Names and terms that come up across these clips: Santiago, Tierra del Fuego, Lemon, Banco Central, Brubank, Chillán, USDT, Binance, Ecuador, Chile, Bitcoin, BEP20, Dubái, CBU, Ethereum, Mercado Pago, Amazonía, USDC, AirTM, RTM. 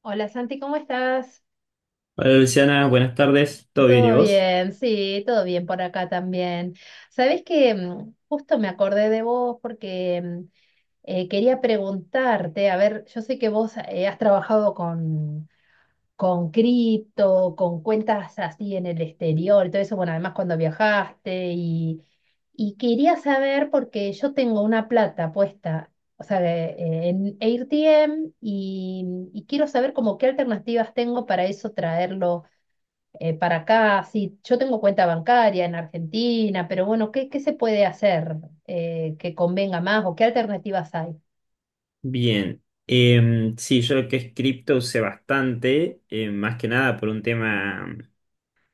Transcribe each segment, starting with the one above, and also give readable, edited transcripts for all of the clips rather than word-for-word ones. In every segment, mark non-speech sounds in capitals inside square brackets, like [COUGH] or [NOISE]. Hola Santi, ¿cómo estás? Hola Luciana, buenas tardes. ¿Todo bien y Todo vos? bien, sí, todo bien por acá también. Sabés que justo me acordé de vos porque quería preguntarte, a ver, yo sé que vos has trabajado con cripto, con cuentas así en el exterior y todo eso, bueno, además cuando viajaste y quería saber porque yo tengo una plata puesta, o sea, en AirTM y quiero saber como qué alternativas tengo para eso traerlo para acá, sí, yo tengo cuenta bancaria en Argentina, pero bueno, ¿qué se puede hacer que convenga más o qué alternativas hay? Bien. Sí, yo lo que es cripto usé bastante, más que nada por un tema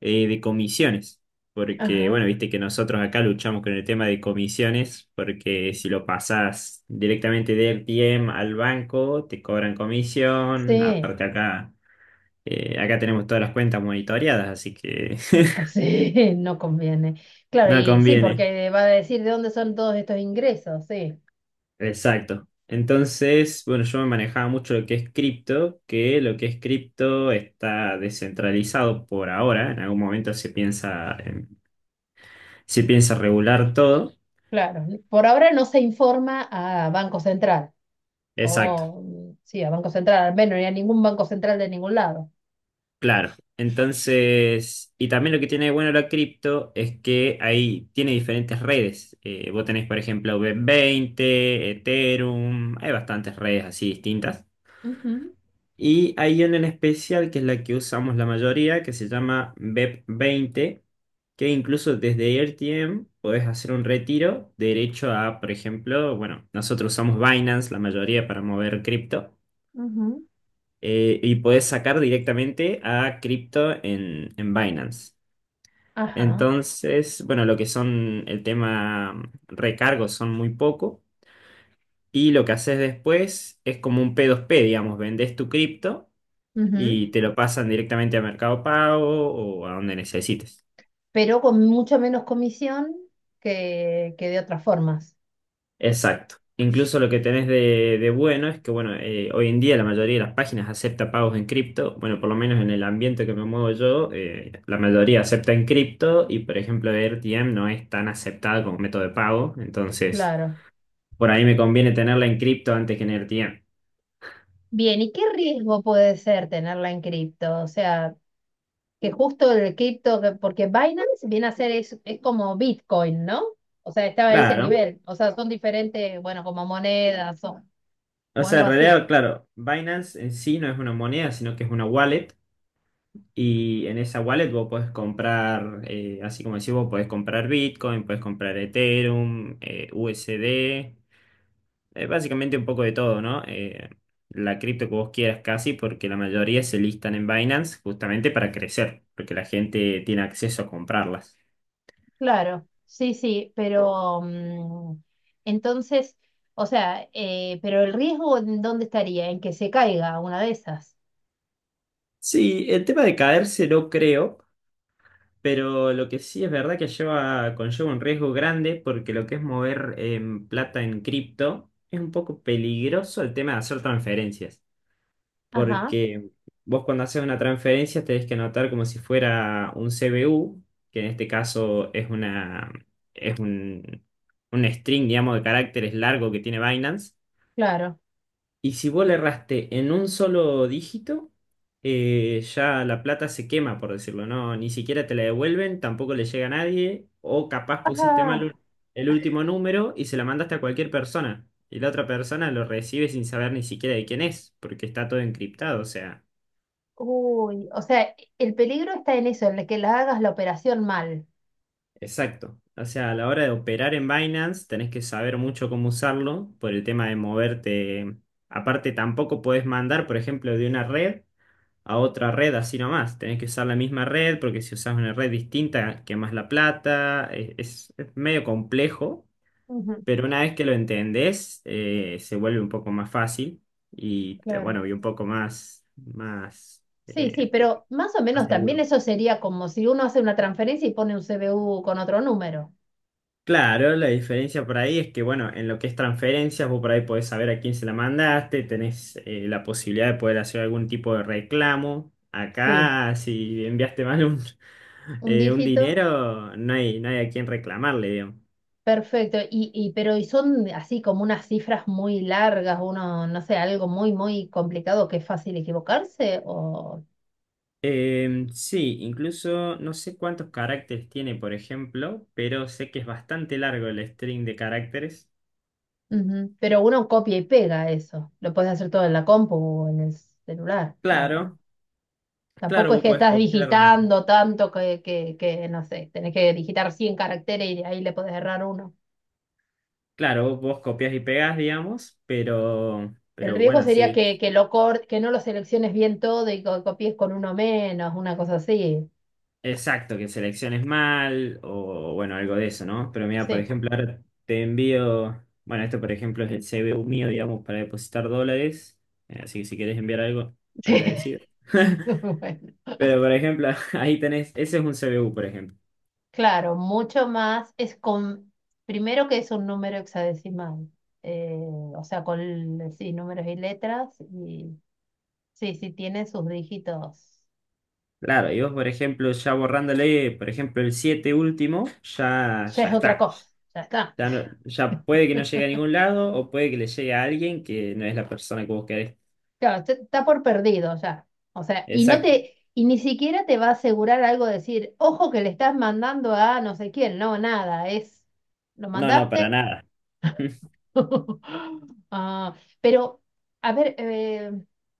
de comisiones. Porque, Ajá, bueno, viste que nosotros acá luchamos con el tema de comisiones, porque si lo pasás directamente de RTM al banco, te cobran comisión. sí, Aparte acá, acá tenemos todas las cuentas monitoreadas, así que [LAUGHS] [LAUGHS] sí, no conviene. Claro, no y sí, conviene. porque va a decir de dónde son todos estos ingresos, sí, Exacto. Entonces, bueno, yo me manejaba mucho lo que es cripto, que lo que es cripto está descentralizado por ahora. En algún momento se piensa regular todo. claro. Por ahora no se informa a Banco Central, Exacto, o sí, a Banco Central, al menos, ni a ningún Banco Central de ningún lado. claro. Entonces, y también lo que tiene de bueno la cripto es que ahí tiene diferentes redes. Vos tenés, por ejemplo, B20, Ethereum, hay bastantes redes así distintas. Ujú, Y hay una en especial que es la que usamos la mayoría, que se llama BEP20, que incluso desde RTM podés hacer un retiro derecho a, por ejemplo, bueno, nosotros usamos Binance la mayoría para mover cripto, ujú, y podés sacar directamente a cripto en Binance. ajá. Entonces, bueno, lo que son el tema recargos son muy poco. Y lo que haces después es como un P2P, digamos, vendés tu cripto Ujú. y te lo pasan directamente a Mercado Pago o a donde necesites. Pero con mucho menos comisión que de otras formas. Exacto. Incluso lo que tenés de bueno es que, bueno, hoy en día la mayoría de las páginas acepta pagos en cripto. Bueno, por lo menos en el ambiente que me muevo yo, la mayoría acepta en cripto y, por ejemplo, R T M no es tan aceptada como método de pago. Entonces, Claro. por ahí me conviene tenerla en cripto antes que en R T M. Bien, ¿y qué riesgo puede ser tenerla en cripto? O sea, que justo el cripto, porque Binance viene a ser, es como Bitcoin, ¿no? O sea, estaba a ese Claro. nivel. O sea, son diferentes, bueno, como monedas o, O o sea, algo en así. realidad, claro, Binance en sí no es una moneda, sino que es una wallet. Y en esa wallet vos podés comprar, así como decís vos, podés comprar Bitcoin, podés comprar Ethereum, USD, básicamente un poco de todo, ¿no? La cripto que vos quieras casi, porque la mayoría se listan en Binance justamente para crecer, porque la gente tiene acceso a comprarlas. Claro, sí, sí, pero entonces, o sea, pero el riesgo, ¿en dónde estaría? En que se caiga una de esas. Sí, el tema de caerse no creo, pero lo que sí es verdad que lleva, conlleva un riesgo grande porque lo que es mover plata en cripto es un poco peligroso el tema de hacer transferencias. Ajá, Porque vos cuando haces una transferencia tenés que anotar como si fuera un CBU, que en este caso es una, es un string, digamos, de caracteres largo que tiene Binance. claro. Y si vos le erraste en un solo dígito, ya la plata se quema, por decirlo, ¿no? Ni siquiera te la devuelven, tampoco le llega a nadie, o capaz Ajá. El último número y se la mandaste a cualquier persona. Y la otra persona lo recibe sin saber ni siquiera de quién es, porque está todo encriptado, o sea. Uy, o sea, el peligro está en eso, en el que la hagas la operación mal. Exacto. O sea, a la hora de operar en Binance tenés que saber mucho cómo usarlo por el tema de moverte. Aparte, tampoco podés mandar, por ejemplo, de una red a otra red así nomás. Tenés que usar la misma red porque si usás una red distinta, quemás la plata. Es medio complejo, Ujú, pero una vez que lo entendés, se vuelve un poco más fácil y, claro. bueno, y un poco más, Sí, sí, pero más o más menos también seguro. eso sería como si uno hace una transferencia y pone un CBU con otro número, Claro, la diferencia por ahí es que, bueno, en lo que es transferencias, vos por ahí podés saber a quién se la mandaste, tenés la posibilidad de poder hacer algún tipo de reclamo. sí, Acá, si enviaste mal un, [LAUGHS] un un dígito, dinero, no hay a quién reclamarle, digamos. perfecto. Y pero y son así como unas cifras muy largas, uno, no sé, algo muy, muy complicado que es fácil equivocarse, o Sí, incluso no sé cuántos caracteres tiene, por ejemplo, pero sé que es bastante largo el string de caracteres. ujú, pero uno copia y pega eso. Lo puedes hacer todo en la compu o en el celular. Va. Claro, Tampoco claro, es vos que podés estás copiar, digitando tanto que, no sé, tenés que digitar 100 caracteres y de ahí le podés errar uno. claro, vos copias y pegás, digamos, El pero riesgo bueno, sería sí. Que no lo selecciones bien todo y copies con uno menos, una cosa así. Exacto, que selecciones mal o bueno, algo de eso, ¿no? Pero mira, por Sí, ejemplo, ahora te envío, bueno, esto por ejemplo es el CBU mío, digamos, para depositar dólares, así que si quieres enviar algo, [LAUGHS] sí. agradecido. [LAUGHS] Bueno, Pero por ejemplo, [LAUGHS] ahí tenés, ese es un CBU, por ejemplo. claro, mucho más es con, primero que es un número hexadecimal, eh, o sea, con, sí, números y letras, y sí, sí tiene sus dígitos. Claro, y vos, por ejemplo, ya borrándole, por ejemplo, el 7 último, Ya ya es otra está. cosa, ya está. Ya, ya puede que no llegue a ningún lado o puede que le llegue a alguien que no es la persona que vos querés. Claro, está por perdido ya. O sea, y no Exacto. te, y ni siquiera te va a asegurar algo de decir, ojo que le estás mandando a no sé quién, no, nada, es, ¿lo No, no, para mandaste? nada. [LAUGHS] [LAUGHS] Ah, pero, a ver,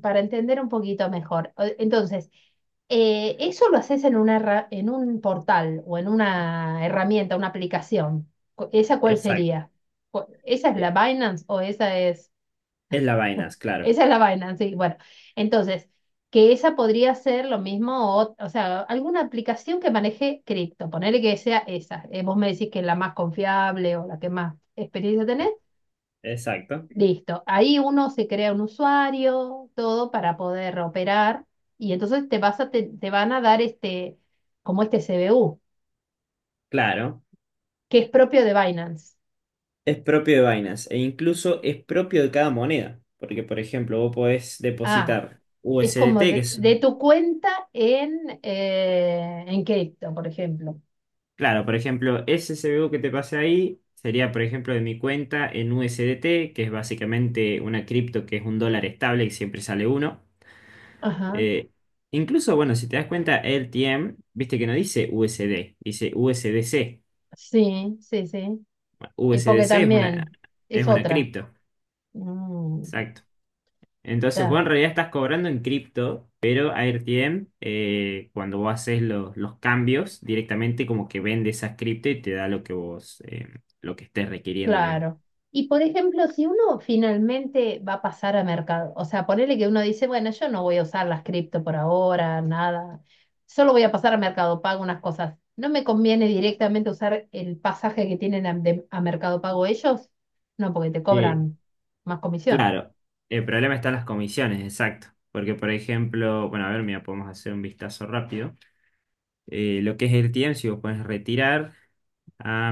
para entender un poquito mejor, entonces, eso lo haces en una, en un portal o en una herramienta, una aplicación. ¿Esa cuál Exacto. sería? ¿Esa es la Binance o esa es... Es la Binance, claro. Esa es la vaina, sí. Bueno, entonces, que esa podría ser lo mismo, o sea, alguna aplicación que maneje cripto, ponele que sea esa. Vos me decís que es la más confiable o la que más experiencia tenés. E- Exacto, Listo. Ahí uno se crea un usuario, todo para poder operar, y entonces te van a dar este, como este CBU, claro. que es propio de Binance. Es propio de Binance e incluso es propio de cada moneda. Porque, por ejemplo, vos podés Ah, depositar es como USDT, que de, es, de tu cuenta en cripto, por ejemplo. claro, por ejemplo, ese CBU que te pasé ahí sería, por ejemplo, de mi cuenta en USDT, que es básicamente una cripto que es un dólar estable, y siempre sale uno. Ajá. Eh, Incluso, bueno, si te das cuenta, LTM, viste que no dice USD, dice USDC. Sí, sí, sí. Es USDC porque es una, también es es una otra. cripto. Mm, Exacto. Entonces, vos en está, realidad estás cobrando en cripto, pero AirTM, cuando vos haces los cambios, directamente como que vende esas cripto y te da lo que vos, lo que estés requiriendo, digamos. claro. Y por ejemplo, si uno finalmente va a pasar a mercado, o sea, ponerle que uno dice, bueno, yo no voy a usar las cripto por ahora, nada, solo voy a pasar a Mercado Pago unas cosas. ¿No me conviene directamente usar el pasaje que tienen a, a Mercado Pago ellos? No, porque te Eh, cobran más comisión. claro, el problema está en las comisiones, exacto. Porque, por ejemplo, bueno, a ver, mira, podemos hacer un vistazo rápido. Lo que es AirTM, si vos pones retirar a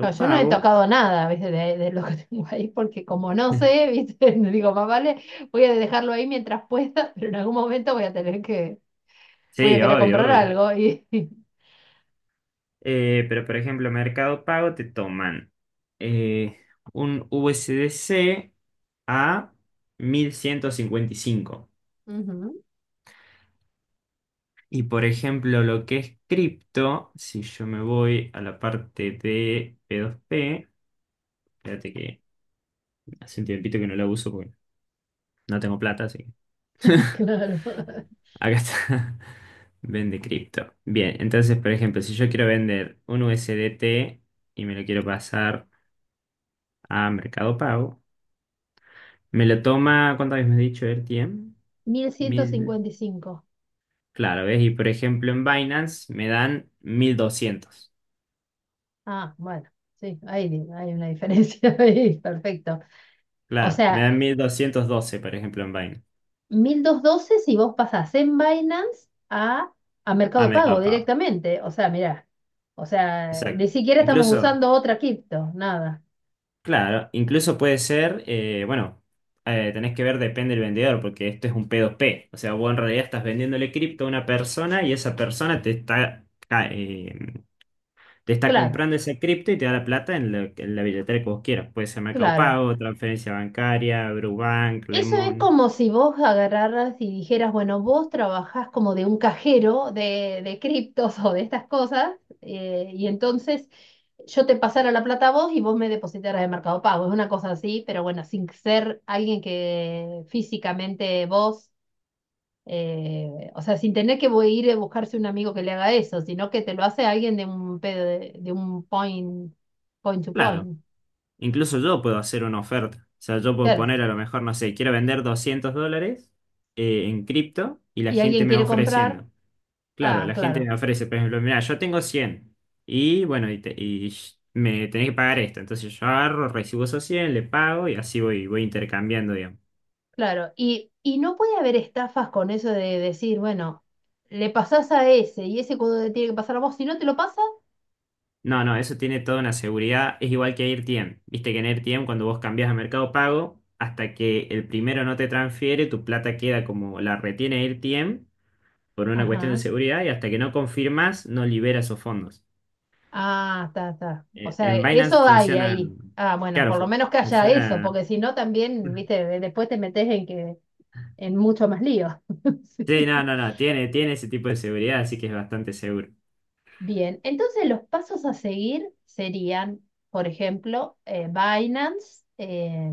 No, yo no he Pago. tocado nada, ¿viste? De lo que tengo ahí, porque como no sé, [LAUGHS] ¿viste? [LAUGHS] Digo, más vale, voy a dejarlo ahí mientras pueda, [LAUGHS] pero en algún momento voy a Sí, querer obvio, comprar obvio. algo. Y... [LAUGHS] Pero por ejemplo, Mercado Pago te toman eh, un USDC a 1155. Ujú, Y por ejemplo, lo que es cripto, si yo me voy a la parte de P2P, espérate que hace un tiempito que no la uso porque no tengo plata, así que [LAUGHS] [LAUGHS] claro. acá está. Vende cripto. Bien, entonces, por ejemplo, si yo quiero vender un USDT y me lo quiero pasar a Mercado Pago, me lo toma, ¿cuántas veces me has dicho el tiempo? mil ciento 1000. cincuenta y cinco Claro, ¿ves? Y por ejemplo en Binance me dan 1200. Ah, bueno, sí, ahí hay una diferencia [LAUGHS] ahí, perfecto. O Claro, me sea, dan 1212 por ejemplo, en Binance. 1.212 si vos pasás en Binance a Ah, Mercado Pago Mercado Pago. directamente. O sea, mirá, o sea, ni Exacto. siquiera estamos Incluso, usando otra cripto, nada. claro, incluso puede ser, bueno, tenés que ver, depende del vendedor, porque esto es un p dos p. O sea, vos en realidad estás vendiéndole cripto a una persona y esa persona te está, te está Claro. comprando esa cripto y te da la plata en la billetera que vos quieras. Puede ser Mercado Claro. Pago, transferencia bancaria, Brubank, Eso es Lemon. como si vos agarraras y dijeras, bueno, vos trabajás como de un cajero de criptos o de estas cosas, y entonces yo te pasara la plata a vos y vos me depositaras de Mercado Pago. Es una cosa así, pero bueno, sin ser alguien que físicamente vos, o sea, sin tener que ir a buscarse un amigo que le haga eso, sino que te lo hace alguien de un, pedo de un point to Claro, point. incluso yo puedo hacer una oferta. O sea, yo puedo poner Claro. a lo mejor, no sé, quiero vender $200 en cripto y la Y gente alguien me va quiere comprar, ofreciendo. Claro, ah, la gente claro. me ofrece, por ejemplo, mira, yo tengo 100 y bueno, me tenés que pagar esto. Entonces yo agarro, recibo esos 100, le pago y así voy, voy intercambiando, digamos. Claro, y no puede haber estafas con eso de decir, bueno, le pasás a ese y ese cuando te tiene que pasar a vos, si no te lo pasa, No, no, eso tiene toda una seguridad. Es igual que AirTM. Viste que en AirTM, cuando vos cambias a Mercado Pago, hasta que el primero no te transfiere, tu plata queda como la retiene AirTM por una cuestión de ajá, seguridad y hasta que no confirmas, no libera esos fondos. ah, está, está. O sea, En Binance eso hay funciona. ahí. Ah, bueno, Claro, por lo menos que haya eso, funciona. porque si no también, viste, después te metes en mucho más lío. [LAUGHS] Sí, Sí. no, no, no. Tiene ese tipo de seguridad, así que es bastante seguro. Bien, entonces los pasos a seguir serían, por ejemplo, Binance,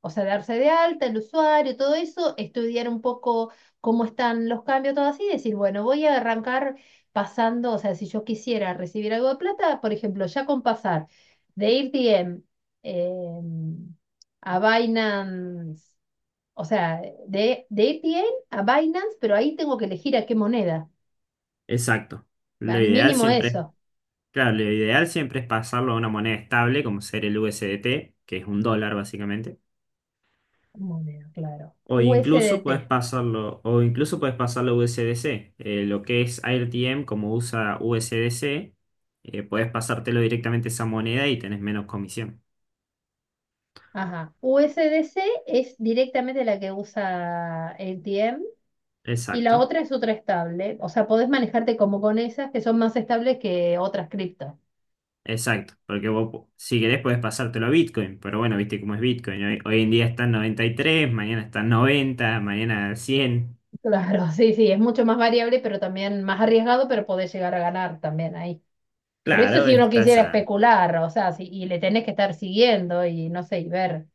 o sea, darse de alta el usuario, todo eso, estudiar un poco cómo están los cambios, todo así, y decir, bueno, voy a arrancar pasando, o sea, si yo quisiera recibir algo de plata, por ejemplo, ya con pasar de AirDM a Binance, o sea, de a AirDM a Binance, pero ahí tengo que elegir a qué moneda, Exacto. Lo al ideal mínimo siempre, eso. claro, lo ideal siempre es pasarlo a una moneda estable, como ser el USDT, que es un dólar básicamente. Moneda, claro. USDT. O incluso puedes pasarlo a U S D C. Lo que es AirTM, como usa USDC, puedes pasártelo directamente a esa moneda y tenés menos comisión. Ajá. USDC es directamente la que usa ATM y la Exacto, otra es otra estable. O sea, podés manejarte como con esas que son más estables que otras criptos. [LAUGHS] exacto. Porque vos, si querés, puedes pasártelo a Bitcoin. Pero bueno, viste cómo es Bitcoin. Hoy en día está en 93, mañana está en 90, mañana 100. Claro, sí, sí, es mucho más variable, pero también más arriesgado, pero podés llegar a ganar también ahí. Pero eso Claro, si uno estás quisiera a… especular, o sea, si, y le tenés que estar siguiendo y no sé, y ver.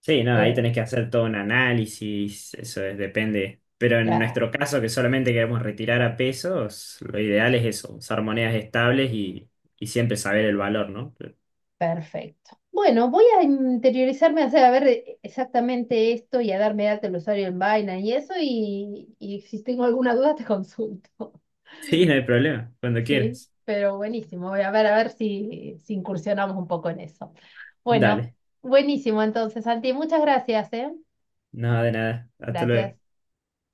Sí, no, ahí eh, tenés que hacer todo un análisis, eso es, depende. Pero en la- nuestro caso, que solamente queremos retirar a pesos, lo ideal es eso, usar monedas estables y siempre saber el valor, ¿no? [LAUGHS] Perfecto. Bueno, voy a interiorizarme, a hacer a ver exactamente esto y a darme data del usuario en Binance y eso, y si tengo alguna duda te consulto. [LAUGHS] Sí, no hay problema, cuando Sí, quieras. pero buenísimo. Voy a ver si incursionamos un poco en eso. Bueno, Dale, buenísimo entonces, Santi. Muchas gracias, ¿eh? nada de nada. Hasta Gracias. luego.